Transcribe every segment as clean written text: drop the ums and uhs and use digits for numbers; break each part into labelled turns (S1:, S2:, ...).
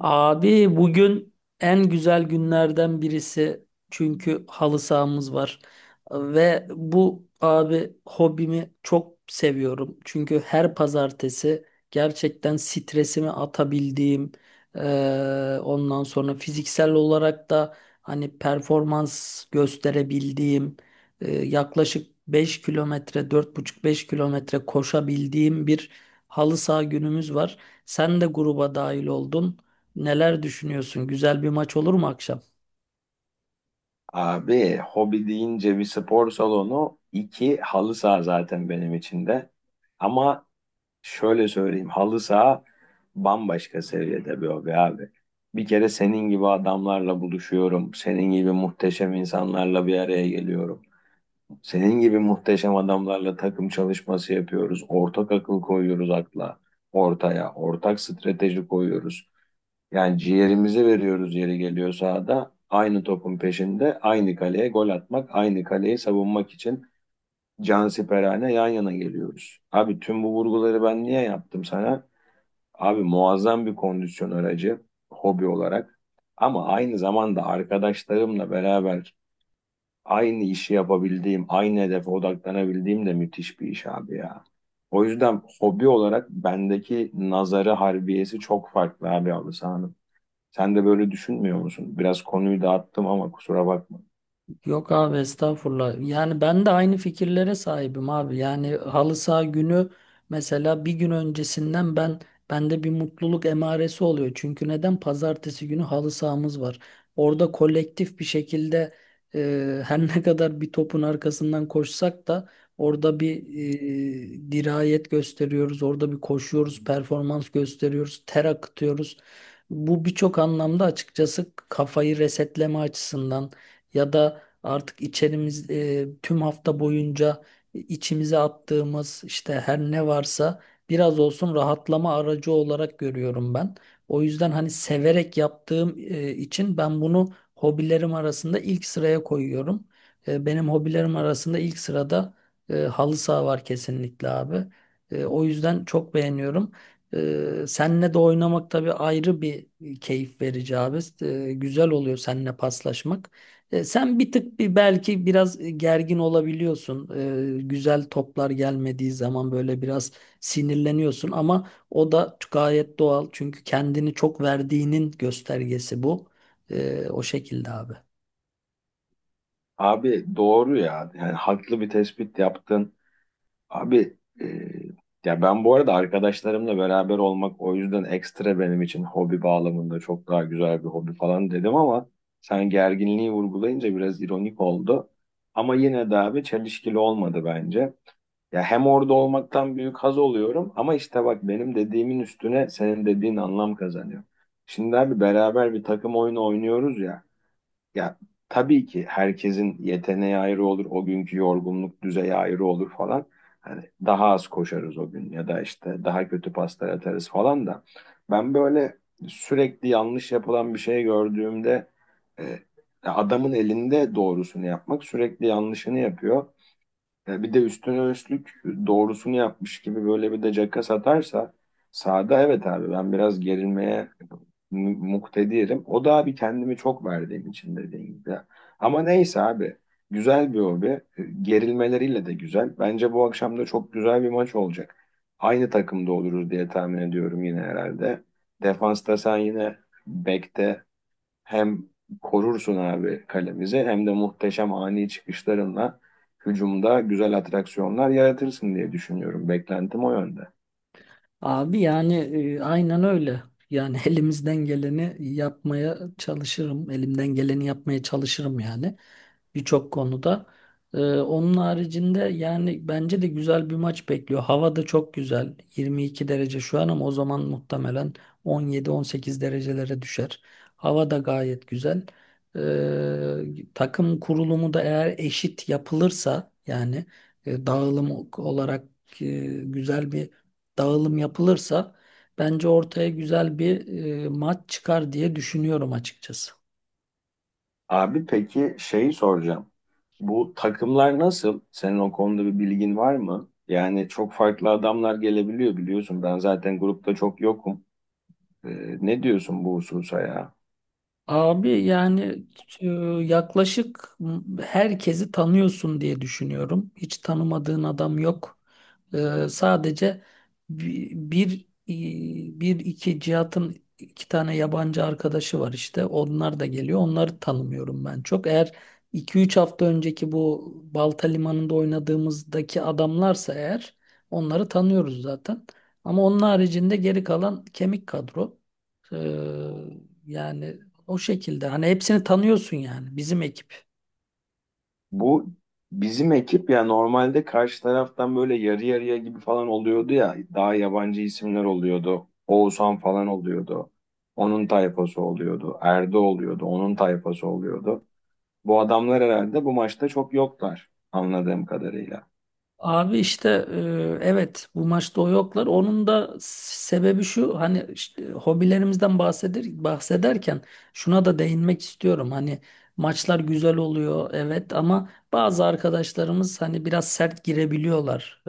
S1: Abi bugün en güzel günlerden birisi çünkü halı sahamız var ve bu abi hobimi çok seviyorum. Çünkü her pazartesi gerçekten stresimi atabildiğim, ondan sonra fiziksel olarak da hani performans gösterebildiğim, yaklaşık 5 kilometre dört buçuk beş kilometre koşabildiğim bir halı saha günümüz var. Sen de gruba dahil oldun. Neler düşünüyorsun? Güzel bir maç olur mu akşam?
S2: Abi hobi deyince bir spor salonu, iki halı saha zaten benim için de. Ama şöyle söyleyeyim halı saha bambaşka seviyede bir hobi abi. Bir kere senin gibi adamlarla buluşuyorum. Senin gibi muhteşem insanlarla bir araya geliyorum. Senin gibi muhteşem adamlarla takım çalışması yapıyoruz. Ortak akıl koyuyoruz akla, ortaya. Ortak strateji koyuyoruz. Yani ciğerimizi veriyoruz yeri geliyor sahada. Aynı topun peşinde, aynı kaleye gol atmak, aynı kaleyi savunmak için cansiperane yan yana geliyoruz. Abi tüm bu vurguları ben niye yaptım sana? Abi muazzam bir kondisyon aracı hobi olarak. Ama aynı zamanda arkadaşlarımla beraber aynı işi yapabildiğim, aynı hedefe odaklanabildiğim de müthiş bir iş abi ya. O yüzden hobi olarak bendeki nazarı harbiyesi çok farklı abi halı sahanın. Sen de böyle düşünmüyor musun? Biraz konuyu dağıttım ama kusura bakma.
S1: Yok abi estağfurullah. Yani ben de aynı fikirlere sahibim abi. Yani halı saha günü mesela bir gün öncesinden bende bir mutluluk emaresi oluyor. Çünkü neden? Pazartesi günü halı sahamız var. Orada kolektif bir şekilde, her ne kadar bir topun arkasından koşsak da orada bir dirayet gösteriyoruz. Orada bir koşuyoruz, performans gösteriyoruz, ter akıtıyoruz. Bu birçok anlamda açıkçası kafayı resetleme açısından ya da artık içerimiz, tüm hafta boyunca içimize attığımız işte her ne varsa biraz olsun rahatlama aracı olarak görüyorum ben. O yüzden hani severek yaptığım için ben bunu hobilerim arasında ilk sıraya koyuyorum. Benim hobilerim arasında ilk sırada halı saha var kesinlikle abi. O yüzden çok beğeniyorum. Senle de oynamak tabii ayrı bir keyif verici abi. Güzel oluyor seninle paslaşmak. Sen bir tık belki biraz gergin olabiliyorsun. Güzel toplar gelmediği zaman böyle biraz sinirleniyorsun ama o da gayet doğal. Çünkü kendini çok verdiğinin göstergesi bu. O şekilde abi.
S2: Abi doğru ya. Yani haklı bir tespit yaptın. Abi, ya ben bu arada arkadaşlarımla beraber olmak o yüzden ekstra benim için hobi bağlamında çok daha güzel bir hobi falan dedim ama sen gerginliği vurgulayınca biraz ironik oldu. Ama yine de abi çelişkili olmadı bence. Ya hem orada olmaktan büyük haz oluyorum ama işte bak benim dediğimin üstüne senin dediğin anlam kazanıyor. Şimdi abi beraber bir takım oyunu oynuyoruz ya. Ya tabii ki herkesin yeteneği ayrı olur, o günkü yorgunluk düzeyi ayrı olur falan. Hani daha az koşarız o gün ya da işte daha kötü paslar atarız falan da. Ben böyle sürekli yanlış yapılan bir şey gördüğümde e, adamın elinde doğrusunu yapmak sürekli yanlışını yapıyor. Ya bir de üstüne üstlük doğrusunu yapmış gibi böyle bir de caka satarsa sağda evet abi ben biraz gerilmeye muktedirim. O da abi kendimi çok verdiğim için dediğim gibi. Ama neyse abi güzel bir hobi. Gerilmeleriyle de güzel. Bence bu akşam da çok güzel bir maç olacak. Aynı takımda oluruz diye tahmin ediyorum yine herhalde. Defansta sen yine bekte hem korursun abi kalemizi hem de muhteşem ani çıkışlarınla hücumda güzel atraksiyonlar yaratırsın diye düşünüyorum. Beklentim o yönde.
S1: Abi yani, aynen öyle. Yani elimizden geleni yapmaya çalışırım. Elimden geleni yapmaya çalışırım yani birçok konuda. Onun haricinde yani bence de güzel bir maç bekliyor. Hava da çok güzel. 22 derece şu an ama o zaman muhtemelen 17-18 derecelere düşer. Hava da gayet güzel. Takım kurulumu da eğer eşit yapılırsa yani, dağılım olarak, e, güzel bir dağılım yapılırsa bence ortaya güzel bir maç çıkar diye düşünüyorum açıkçası.
S2: Abi peki şeyi soracağım. Bu takımlar nasıl? Senin o konuda bir bilgin var mı? Yani çok farklı adamlar gelebiliyor biliyorsun. Ben zaten grupta çok yokum. Ne diyorsun bu hususa ya?
S1: Abi yani, e, yaklaşık herkesi tanıyorsun diye düşünüyorum. Hiç tanımadığın adam yok. Sadece iki Cihat'ın iki tane yabancı arkadaşı var işte. Onlar da geliyor. Onları tanımıyorum ben çok. Eğer iki üç hafta önceki bu Balta Limanı'nda oynadığımızdaki adamlarsa eğer onları tanıyoruz zaten. Ama onun haricinde geri kalan kemik kadro. Ee, Yani o şekilde hani hepsini tanıyorsun yani bizim ekip.
S2: Bu bizim ekip ya normalde karşı taraftan böyle yarı yarıya gibi falan oluyordu ya. Daha yabancı isimler oluyordu. Oğuzhan falan oluyordu. Onun tayfası oluyordu. Erdo oluyordu. Onun tayfası oluyordu. Bu adamlar herhalde bu maçta çok yoklar anladığım kadarıyla.
S1: Abi işte, evet bu maçta o yoklar. Onun da sebebi şu, hani işte hobilerimizden bahsederken şuna da değinmek istiyorum. Hani maçlar güzel oluyor evet ama bazı arkadaşlarımız hani biraz sert girebiliyorlar,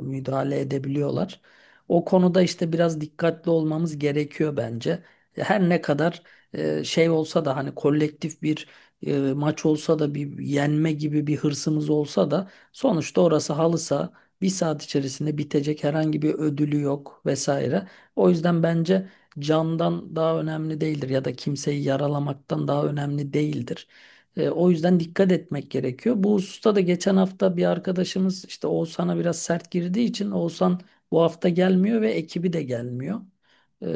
S1: müdahale edebiliyorlar. O konuda işte biraz dikkatli olmamız gerekiyor bence. Her ne kadar şey olsa da hani kolektif bir maç olsa da bir yenme gibi bir hırsımız olsa da, sonuçta orası bir saat içerisinde bitecek herhangi bir ödülü yok vesaire. O yüzden bence candan daha önemli değildir ya da kimseyi yaralamaktan daha önemli değildir. O yüzden dikkat etmek gerekiyor. Bu hususta da geçen hafta bir arkadaşımız işte Oğuzhan'a biraz sert girdiği için Oğuzhan bu hafta gelmiyor ve ekibi de gelmiyor. E,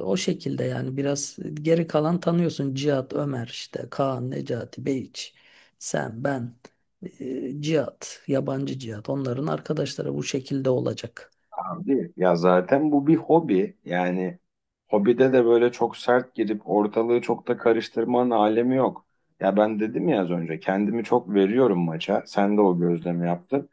S1: O şekilde yani biraz geri kalan tanıyorsun: Cihat, Ömer, işte Kaan, Necati, Beyiç, sen, ben, cihat, yabancı cihat. Onların arkadaşları bu şekilde olacak.
S2: Abi ya zaten bu bir hobi. Yani hobide de böyle çok sert girip ortalığı çok da karıştırmanın alemi yok. Ya ben dedim ya az önce kendimi çok veriyorum maça. Sen de o gözlemi yaptın.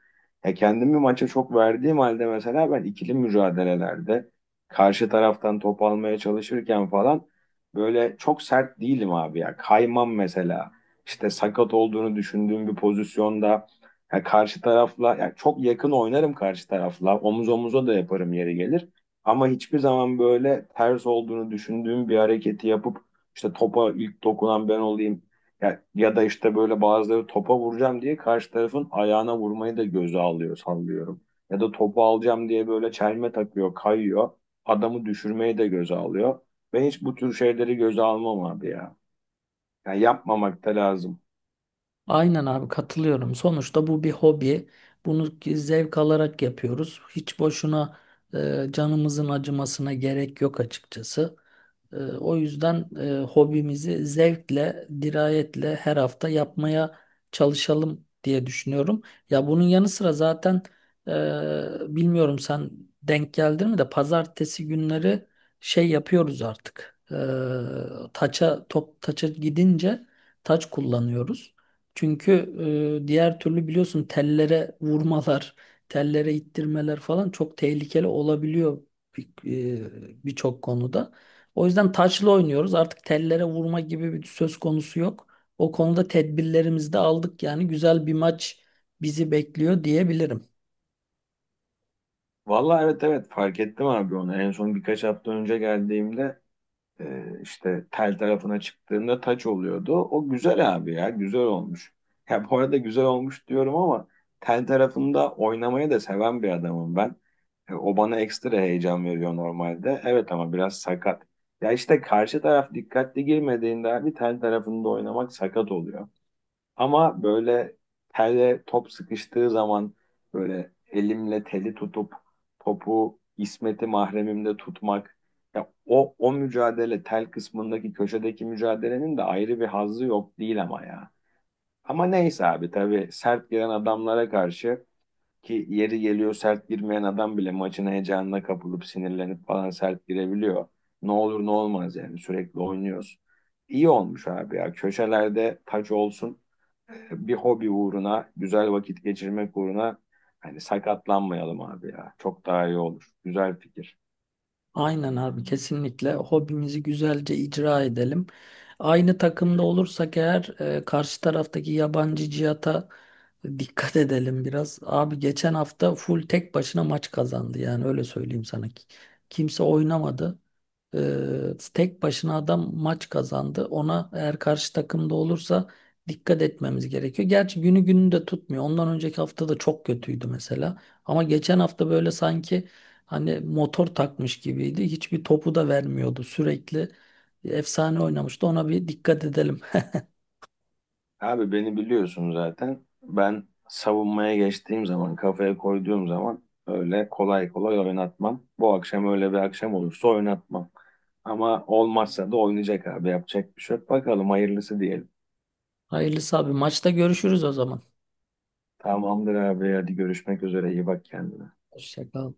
S2: Ya kendimi maça çok verdiğim halde mesela ben ikili mücadelelerde karşı taraftan top almaya çalışırken falan böyle çok sert değilim abi ya. Kaymam mesela. İşte sakat olduğunu düşündüğüm bir pozisyonda ya karşı tarafla ya çok yakın oynarım karşı tarafla. Omuz omuza da yaparım yeri gelir. Ama hiçbir zaman böyle ters olduğunu düşündüğüm bir hareketi yapıp işte topa ilk dokunan ben olayım ya, ya da işte böyle bazıları topa vuracağım diye karşı tarafın ayağına vurmayı da göze alıyor sallıyorum. Ya da topu alacağım diye böyle çelme takıyor, kayıyor. Adamı düşürmeyi de göze alıyor. Ben hiç bu tür şeyleri göze almam abi ya. Yani yapmamak da lazım.
S1: Aynen abi, katılıyorum. Sonuçta bu bir hobi. Bunu ki zevk alarak yapıyoruz. Hiç boşuna canımızın acımasına gerek yok açıkçası. O yüzden hobimizi zevkle, dirayetle her hafta yapmaya çalışalım diye düşünüyorum. Ya bunun yanı sıra zaten, bilmiyorum sen denk geldin mi, de pazartesi günleri şey yapıyoruz artık. Taça, top taça gidince taç kullanıyoruz. Çünkü diğer türlü biliyorsun tellere vurmalar, tellere ittirmeler falan çok tehlikeli olabiliyor bir- birçok konuda. O yüzden taçlı oynuyoruz. Artık tellere vurma gibi bir söz konusu yok. O konuda tedbirlerimizi de aldık, yani güzel bir maç bizi bekliyor diyebilirim.
S2: Vallahi evet, evet, fark ettim abi onu. En son birkaç hafta önce geldiğimde, işte tel tarafına çıktığında taç oluyordu. O güzel abi ya güzel olmuş. Ya bu arada güzel olmuş diyorum ama tel tarafında oynamayı da seven bir adamım ben. O bana ekstra heyecan veriyor normalde. Evet ama biraz sakat. Ya işte karşı taraf dikkatli girmediğinde abi tel tarafında oynamak sakat oluyor. Ama böyle telle top sıkıştığı zaman böyle elimle teli tutup topu İsmet'i mahremimde tutmak ya o mücadele tel kısmındaki köşedeki mücadelenin de ayrı bir hazzı yok değil ama ya. Ama neyse abi tabii sert giren adamlara karşı ki yeri geliyor sert girmeyen adam bile maçın heyecanına kapılıp sinirlenip falan sert girebiliyor. Ne olur ne olmaz yani sürekli oynuyoruz. İyi olmuş abi ya. Köşelerde taç olsun bir hobi uğruna, güzel vakit geçirmek uğruna hani sakatlanmayalım abi ya. Çok daha iyi olur. Güzel fikir.
S1: Aynen abi, kesinlikle hobimizi güzelce icra edelim. Aynı takımda olursak eğer, karşı taraftaki yabancı cihata dikkat edelim biraz. Abi geçen hafta full tek başına maç kazandı yani öyle söyleyeyim sana. Kimse oynamadı. Tek başına adam maç kazandı. Ona eğer karşı takımda olursa dikkat etmemiz gerekiyor. Gerçi günü gününü de tutmuyor. Ondan önceki hafta da çok kötüydü mesela. Ama geçen hafta böyle sanki hani motor takmış gibiydi. Hiçbir topu da vermiyordu. Sürekli efsane oynamıştı. Ona bir dikkat edelim.
S2: Abi beni biliyorsun zaten. Ben savunmaya geçtiğim zaman, kafaya koyduğum zaman öyle kolay kolay oynatmam. Bu akşam öyle bir akşam olursa oynatmam. Ama olmazsa da oynayacak abi. Yapacak bir şey yok. Bakalım hayırlısı diyelim.
S1: Hayırlısı abi. Maçta görüşürüz o zaman.
S2: Tamamdır abi. Hadi görüşmek üzere. İyi bak kendine.
S1: Hoşça kal.